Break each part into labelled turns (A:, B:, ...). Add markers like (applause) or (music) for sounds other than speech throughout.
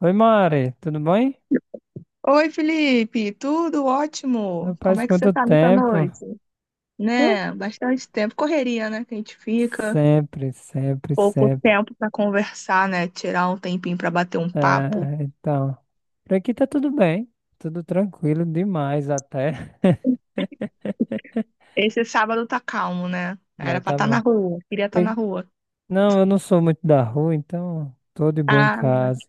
A: Oi, Mari, tudo bem?
B: Oi, Felipe, tudo ótimo? Como
A: Rapaz,
B: é que você
A: quanto
B: tá nessa
A: tempo?
B: noite?
A: Hã?
B: Né? Bastante tempo. Correria, né? Que a gente fica.
A: Sempre, sempre,
B: Pouco
A: sempre.
B: tempo pra conversar, né? Tirar um tempinho pra bater um papo.
A: É, então, por aqui tá tudo bem, tudo tranquilo demais até. (laughs)
B: Esse sábado tá calmo, né? Era
A: É,
B: pra
A: tá
B: estar na
A: bom.
B: rua. Queria estar na
A: Pe-
B: rua.
A: Não, eu não sou muito da rua, então tô de boa em
B: Ah,
A: casa.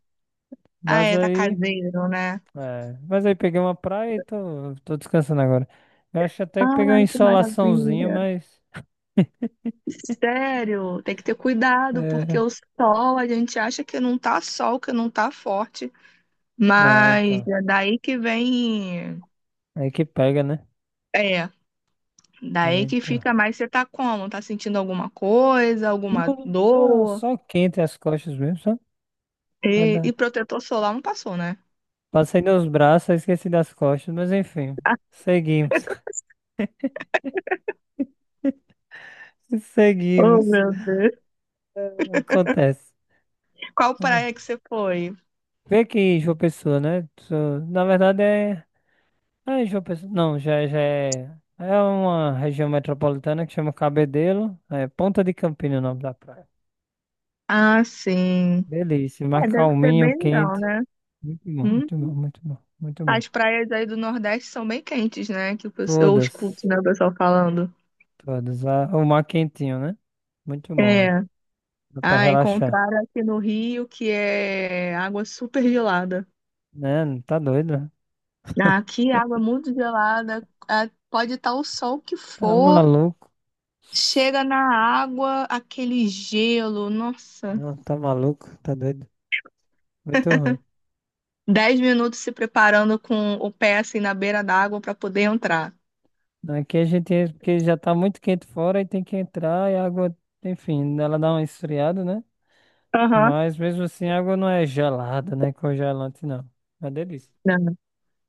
B: ah,
A: Mas
B: é, tá
A: aí,
B: caseiro, né?
A: mas aí peguei uma praia e tô descansando agora. Eu acho até que peguei uma
B: Ai, que
A: insolaçãozinha,
B: maravilha.
A: mas. (laughs)
B: Sério, tem que ter cuidado, porque
A: É,
B: o sol, a gente acha que não tá sol, que não tá forte,
A: é,
B: mas
A: então.
B: é daí que vem.
A: Aí que pega, né?
B: É.
A: É,
B: Daí que
A: então.
B: fica mais você tá como? Tá sentindo alguma coisa, alguma
A: Não, só,
B: dor?
A: só quente as costas mesmo, só.
B: E,
A: Vai
B: e
A: dar.
B: protetor solar não passou, né?
A: Passei nos braços, aí esqueci das costas, mas enfim, seguimos. (laughs)
B: Oh,
A: Seguimos.
B: meu Deus.
A: Acontece.
B: Qual
A: Ah.
B: praia que você foi?
A: Vê aqui, João Pessoa, né? Na verdade é. Ah, é João Pessoa. Não, já é. É uma região metropolitana que chama Cabedelo. É Ponta de Campina o nome da praia.
B: Ah, sim.
A: Delícia, mas
B: É, deve ser
A: calminho,
B: bem legal,
A: quente.
B: né?
A: Muito bom,
B: Hum?
A: muito bom, muito bom, muito bom.
B: As praias aí do Nordeste são bem quentes, né? Eu escuto,
A: Todas,
B: né, o pessoal falando.
A: todas. Ah, o mar quentinho, né? Muito bom.
B: É.
A: né? Dá pra
B: Ah,
A: relaxar.
B: encontraram aqui no Rio que é água super gelada.
A: Né? Não tá doido? Né?
B: Ah, aqui, água muito gelada. Ah, pode estar o sol que
A: Tá
B: for.
A: maluco.
B: Chega na água, aquele gelo, nossa.
A: Não, tá maluco, tá doido. Muito ruim.
B: 10 minutos se preparando com o pé assim na beira da água para poder entrar.
A: Aqui a gente entra porque já tá muito quente fora e tem que entrar e a água, enfim, ela dá uma esfriada, né?
B: Aham.
A: Mas mesmo assim a água não é gelada, né? Congelante não. É uma delícia.
B: Não.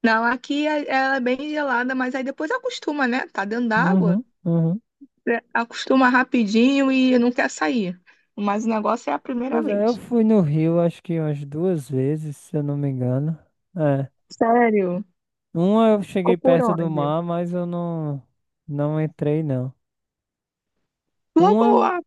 B: Não, aqui ela é bem gelada, mas aí depois acostuma, né? Tá dentro d'água,
A: Uhum, uhum.
B: é, acostuma rapidinho e não quer sair. Mas o negócio é a primeira
A: Pois é, eu
B: vez.
A: fui no Rio acho que umas duas vezes, se eu não me engano. É.
B: Sério?
A: Uma eu
B: Ficou
A: cheguei
B: por
A: perto do
B: onde?
A: mar, mas eu não, não entrei não.
B: Logo
A: Uma.
B: a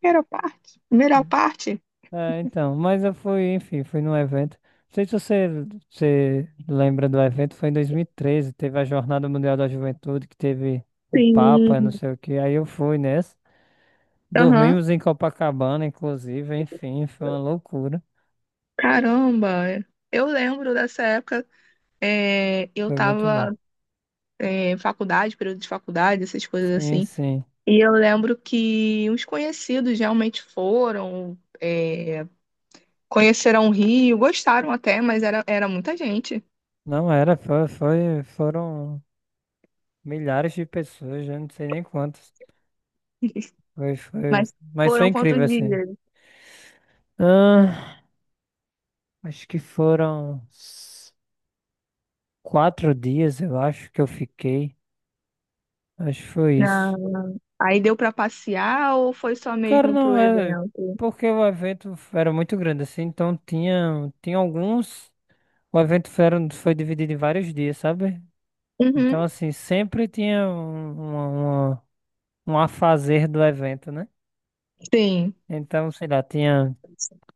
B: primeira parte. Primeira parte?
A: É, então, mas eu fui, enfim, fui num evento. Não sei se você lembra do evento, foi em 2013, teve a Jornada Mundial da Juventude, que teve o Papa, não
B: Sim.
A: sei o que. Aí eu fui nessa.
B: Aham.
A: Dormimos em Copacabana, inclusive, enfim, foi uma loucura.
B: Caramba. Eu lembro dessa época. É, eu
A: Foi muito bom.
B: tava é, faculdade, período de faculdade, essas coisas
A: Sim,
B: assim.
A: sim.
B: E eu lembro que uns conhecidos realmente foram, é, conheceram o Rio, gostaram até, mas era muita gente.
A: Não era, foram milhares de pessoas, já não sei nem quantas. Foi,
B: Mas
A: mas foi
B: foram quantos
A: incrível, assim.
B: dias?
A: Ah, acho que foram 4 dias, eu acho que eu fiquei. Acho que foi
B: Ah,
A: isso.
B: aí deu pra passear ou foi só
A: Cara,
B: mesmo pro
A: não, é
B: evento?
A: porque o evento era muito grande assim, então tinha alguns. O evento foi dividido em vários dias, sabe? Então,
B: Uhum,
A: assim, sempre tinha uma- um afazer do evento, né?
B: sim.
A: Então, sei lá, tinha.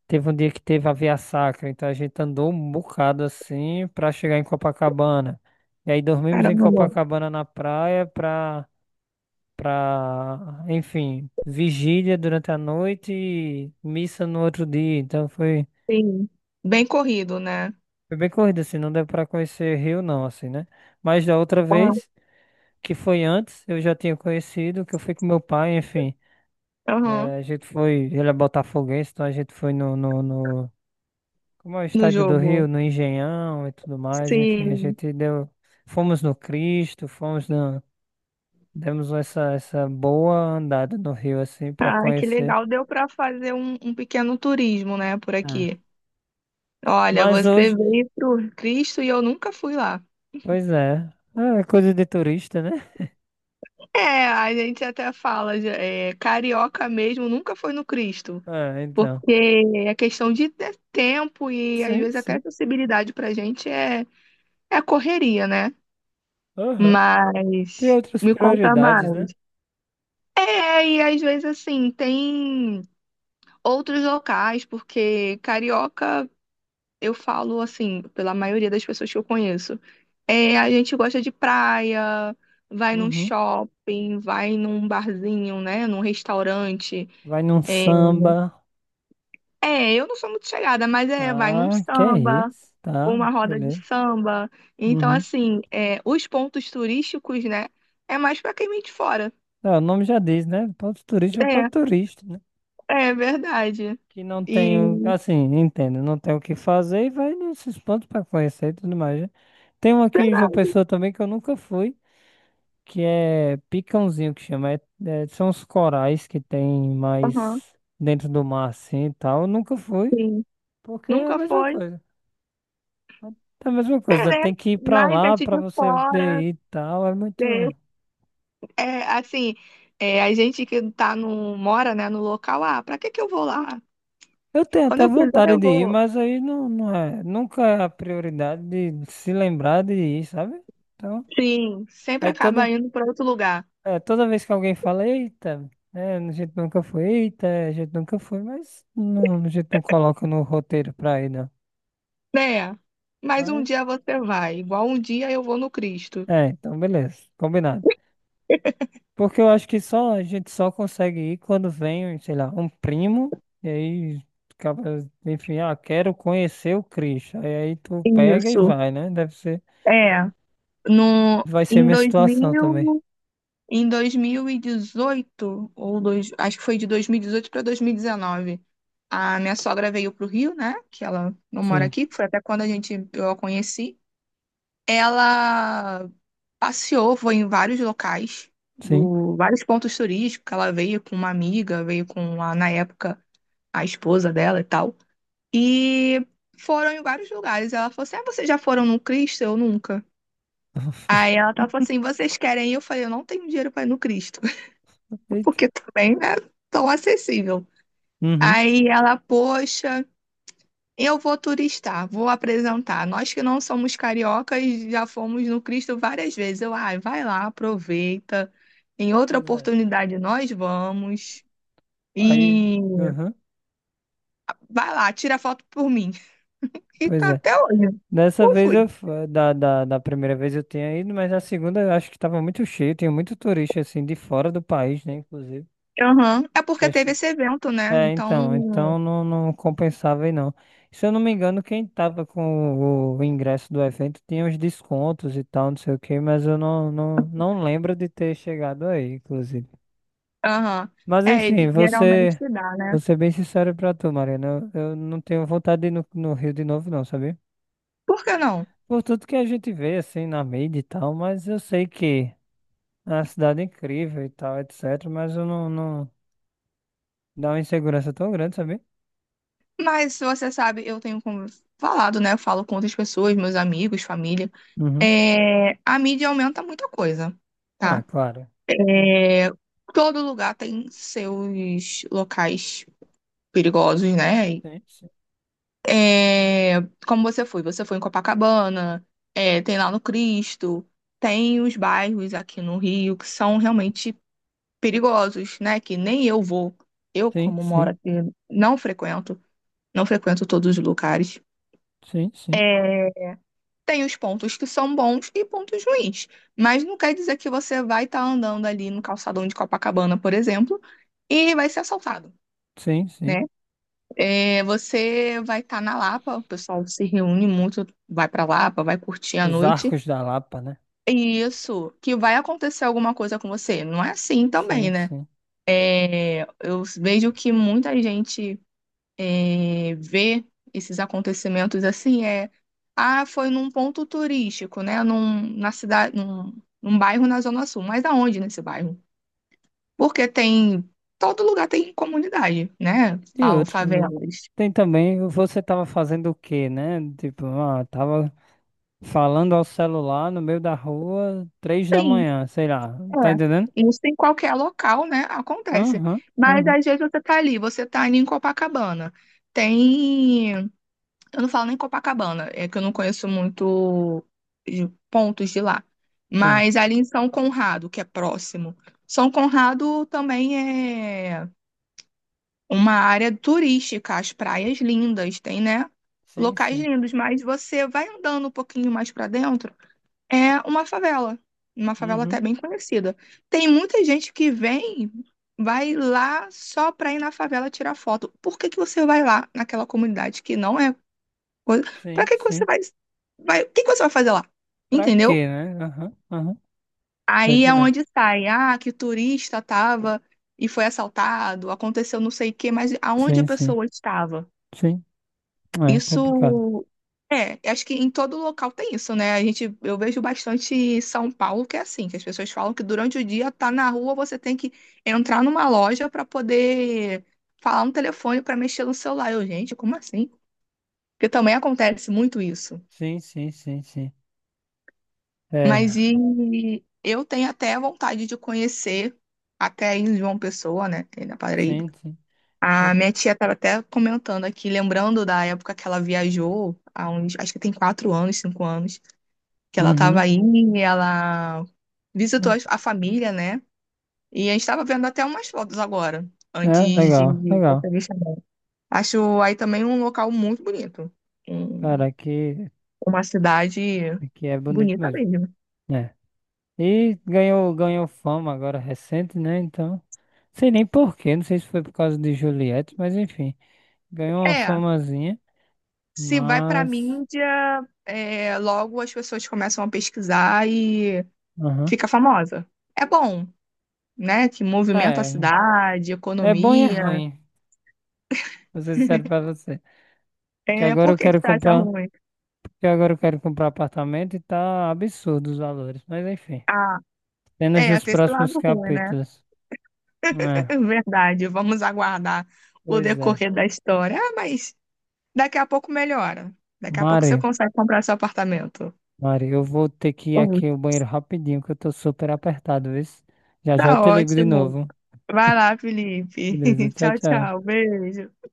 A: Teve um dia que teve a Via Sacra, então a gente andou um bocado assim pra chegar em Copacabana. E aí dormimos em
B: Caramba.
A: Copacabana na praia pra, enfim, vigília durante a noite e missa no outro dia. Então foi,
B: Sim. Bem corrido, né?
A: foi bem corrido, assim, não deu para conhecer Rio, não, assim, né? Mas da outra
B: Ah,
A: vez, que foi antes, eu já tinha conhecido, que eu fui com meu pai, enfim.
B: aham.
A: A gente foi, ele é botafoguense, então a gente foi no, como é o
B: No
A: estádio do
B: jogo.
A: Rio, no Engenhão e tudo mais, enfim, a
B: Sim.
A: gente deu, fomos no Cristo, demos essa boa andada no Rio, assim, para
B: Ah, que
A: conhecer.
B: legal. Deu para fazer um pequeno turismo, né, por
A: Ah,
B: aqui. Olha,
A: mas
B: você
A: hoje,
B: veio pro Cristo e eu nunca fui lá.
A: pois é. Ah, é coisa de turista, né?
B: É, a gente até fala, é, carioca mesmo nunca foi no Cristo,
A: Ah, então.
B: porque é questão de ter tempo e às
A: Sim,
B: vezes até
A: sim.
B: acessibilidade pra gente é, é correria, né?
A: Aham. Tem
B: Mas
A: outras
B: me conta
A: prioridades, né?
B: mais. É, e às vezes assim, tem outros locais, porque carioca eu falo assim, pela maioria das pessoas que eu conheço, é, a gente gosta de praia, vai num
A: Uhum.
B: shopping, vai num barzinho, né, num restaurante.
A: Vai num
B: É,
A: samba,
B: é, eu não sou muito chegada, mas é, vai num
A: tá? Que é
B: samba,
A: isso?
B: ou
A: Tá,
B: uma roda de
A: beleza.
B: samba. Então,
A: Uhum.
B: assim, é, os pontos turísticos, né, é mais pra quem vem de fora.
A: Ah, o nome já diz, né? Para os turistas, vai para o
B: É,
A: turista, né?
B: é verdade.
A: Que não tem,
B: E
A: assim, entendo, não tem o que fazer e vai nesses pontos para conhecer e tudo mais, né? Tem um aqui em João
B: verdade,
A: Pessoa também que eu nunca fui, que é picãozinho que chama. São os corais que tem
B: aham,
A: mais dentro do mar assim e tal. Eu nunca fui,
B: sim.
A: porque é a
B: Nunca
A: mesma
B: foi,
A: coisa. É a mesma
B: é,
A: coisa,
B: né?
A: tem que ir pra
B: Mas
A: lá
B: gente
A: pra
B: de
A: você poder
B: fora,
A: ir e tal. É muito.
B: é. É, assim, é, a gente que tá mora, né, no local, ah, pra que que eu vou lá?
A: Eu tenho
B: Quando
A: até
B: eu quiser,
A: vontade
B: eu
A: de ir,
B: vou.
A: mas aí não, não é. Nunca é a prioridade de se lembrar de ir, sabe? Então,
B: Sim, sempre
A: aí
B: acaba
A: toda,
B: indo pra outro lugar,
A: toda vez que alguém fala, eita. É, a gente nunca foi, eita, a gente nunca foi, mas não, a gente não coloca no roteiro pra ir, não.
B: né? Mas um dia você vai, igual um dia eu vou no Cristo.
A: É, então beleza, combinado. Porque eu acho que só a gente só consegue ir quando vem, sei lá, um primo, e aí, acaba, enfim, ah, quero conhecer o Cristo. Aí, tu pega e
B: Isso,
A: vai, né? Deve ser,
B: é. No,
A: vai ser
B: em
A: minha
B: dois
A: situação também.
B: mil, em 2018 ou dois, acho que foi de 2018 para 2019, a minha sogra veio pro Rio, né? Que ela não mora
A: Sim,
B: aqui, que foi até quando a gente, eu a conheci. Ela passeou, foi em vários locais,
A: sim.
B: vários pontos turísticos. Ela veio com uma amiga, veio com a, na época, a esposa dela e tal. E foram em vários lugares. Ela falou assim: ah, vocês já foram no Cristo? Eu nunca. Aí ela tava assim: vocês querem ir? Eu falei: eu não tenho dinheiro pra ir no Cristo, (laughs)
A: Eita.
B: porque também não é tão acessível.
A: Uhum.
B: Aí ela, poxa. Eu vou turistar, vou apresentar. Nós que não somos cariocas já fomos no Cristo várias vezes. Eu, ai, vai lá, aproveita. Em outra
A: Pois é.
B: oportunidade nós vamos.
A: Aí,
B: E
A: uhum.
B: vai lá, tira foto por mim. (laughs) E
A: Pois
B: tá
A: é.
B: até hoje.
A: Dessa
B: Não
A: vez eu,
B: fui.
A: da primeira vez eu tinha ido, mas a segunda eu acho que tava muito cheio, tinha muito turista assim de fora do país, né, inclusive.
B: Aham. É porque teve esse evento, né?
A: É,
B: Então,
A: então não, não compensava aí não. Se eu não me engano, quem tava com o ingresso do evento tinha os descontos e tal, não sei o que, mas eu não, não, não lembro de ter chegado aí, inclusive.
B: aham.
A: Mas
B: É, ele
A: enfim,
B: geralmente se dá, né?
A: vou ser bem sincero pra tu, Mariana, eu não tenho vontade de ir no Rio de novo não, sabia?
B: Por que não?
A: Por tudo que a gente vê, assim, na mídia e tal, mas eu sei que é uma cidade incrível e tal, etc, mas eu não, não... Dá uma insegurança tão grande, sabia?
B: Mas você sabe, eu tenho falado, né? Eu falo com outras pessoas, meus amigos, família.
A: Uhum.
B: É, a mídia aumenta muita coisa,
A: Ah,
B: tá?
A: claro. Sim.
B: É, todo lugar tem seus locais perigosos, né?
A: Sim, sim,
B: É, como você foi? Você foi em Copacabana, é, tem lá no Cristo, tem os bairros aqui no Rio que são realmente perigosos, né? Que nem eu vou. Eu,
A: sim,
B: como
A: sim,
B: moro aqui, não frequento, não frequento todos os lugares.
A: sim, sim,
B: É, tem os pontos que são bons e pontos ruins, mas não quer dizer que você vai estar andando ali no calçadão de Copacabana, por exemplo, e vai ser assaltado,
A: sim, sim.
B: né? É, você vai estar na Lapa, o pessoal se reúne muito, vai pra Lapa, vai curtir a
A: Os
B: noite.
A: Arcos da Lapa, né?
B: E isso, que vai acontecer alguma coisa com você. Não é assim também,
A: Sim,
B: né?
A: sim.
B: É, eu vejo que muita gente é, ver esses acontecimentos assim é ah foi num ponto turístico né na cidade num bairro na Zona Sul, mas aonde nesse bairro, porque tem todo lugar tem comunidade né
A: E
B: falam
A: outro,
B: favelas
A: tem também, você tava fazendo o quê, né? Tipo, tava falando ao celular no meio da rua, três da
B: sim
A: manhã, sei lá, tá
B: é
A: entendendo?
B: isso em qualquer local né acontece
A: Aham,
B: mas
A: aham,
B: às vezes você tá ali em Copacabana tem. Eu não falo nem Copacabana, é que eu não conheço muito de pontos de lá.
A: sim,
B: Mas ali em São Conrado, que é próximo. São Conrado também é uma área turística, as praias lindas, tem, né?
A: sim,
B: Locais
A: sim,
B: lindos, mas você vai andando um pouquinho mais para dentro, é uma favela
A: uhum,
B: até bem conhecida. Tem muita gente que vem, vai lá só para ir na favela tirar foto. Por que que você vai lá naquela comunidade que não é coisa. Pra
A: sim,
B: que que você
A: sim.
B: vai, vai, o que que você vai fazer lá?
A: Pra
B: Entendeu?
A: quê, né? Aham, aham, tá
B: Aí é
A: entendendo?
B: onde sai, ah, que o turista tava e foi assaltado, aconteceu não sei o quê, mas aonde a
A: Sim, sim,
B: pessoa estava?
A: sim, é complicado.
B: Isso é, acho que em todo local tem isso, né? A gente, eu vejo bastante em São Paulo que é assim, que as pessoas falam que durante o dia tá na rua, você tem que entrar numa loja para poder falar no telefone para mexer no celular. Eu, gente, como assim? Porque também acontece muito isso.
A: Sim, sim,
B: Mas
A: é,
B: e eu tenho até vontade de conhecer até aí em João Pessoa, né? Tem na Paraíba.
A: sim, sim.
B: A
A: É.
B: minha tia estava até comentando aqui, lembrando da época que ela viajou, há uns, acho que tem 4 anos, 5 anos, que ela estava
A: Uhum.
B: aí e ela visitou
A: Não.
B: a família, né? E a gente estava vendo até umas fotos agora,
A: É,
B: antes de
A: legal, legal.
B: dessa vez também. Acho aí também um local muito bonito. Um-
A: Cara, aqui,
B: uma cidade
A: aqui é bonito
B: bonita
A: mesmo.
B: mesmo.
A: É. E ganhou fama agora recente, né? Então, sei nem porquê, não sei se foi por causa de Juliette, mas enfim, ganhou uma
B: É,
A: famazinha,
B: se vai pra
A: mas.
B: mídia, é, logo as pessoas começam a pesquisar e
A: Aham.
B: fica famosa. É bom, né? Que movimenta a
A: É,
B: cidade,
A: é bom e é
B: economia.
A: ruim, vou ser sincero pra você. Que
B: É,
A: agora
B: por
A: eu
B: que que
A: quero
B: você acha
A: comprar,
B: ruim?
A: que agora eu quero comprar apartamento e tá absurdo os valores, mas enfim,
B: Ah,
A: apenas
B: é,
A: nos
B: tem esse
A: próximos
B: lado ruim, né?
A: capítulos.
B: (laughs)
A: É,
B: Verdade. Vamos aguardar o
A: pois é.
B: decorrer da história. Ah, mas daqui a pouco melhora. Daqui a pouco você
A: Mari.
B: consegue comprar seu apartamento.
A: Mari, eu vou ter que ir
B: Oh,
A: aqui ao banheiro rapidinho, que eu tô super apertado, viu? Já já eu
B: tá
A: te ligo de
B: ótimo.
A: novo.
B: Vai lá, Felipe.
A: Beleza,
B: (laughs)
A: tchau,
B: Tchau,
A: tchau.
B: tchau. Beijo.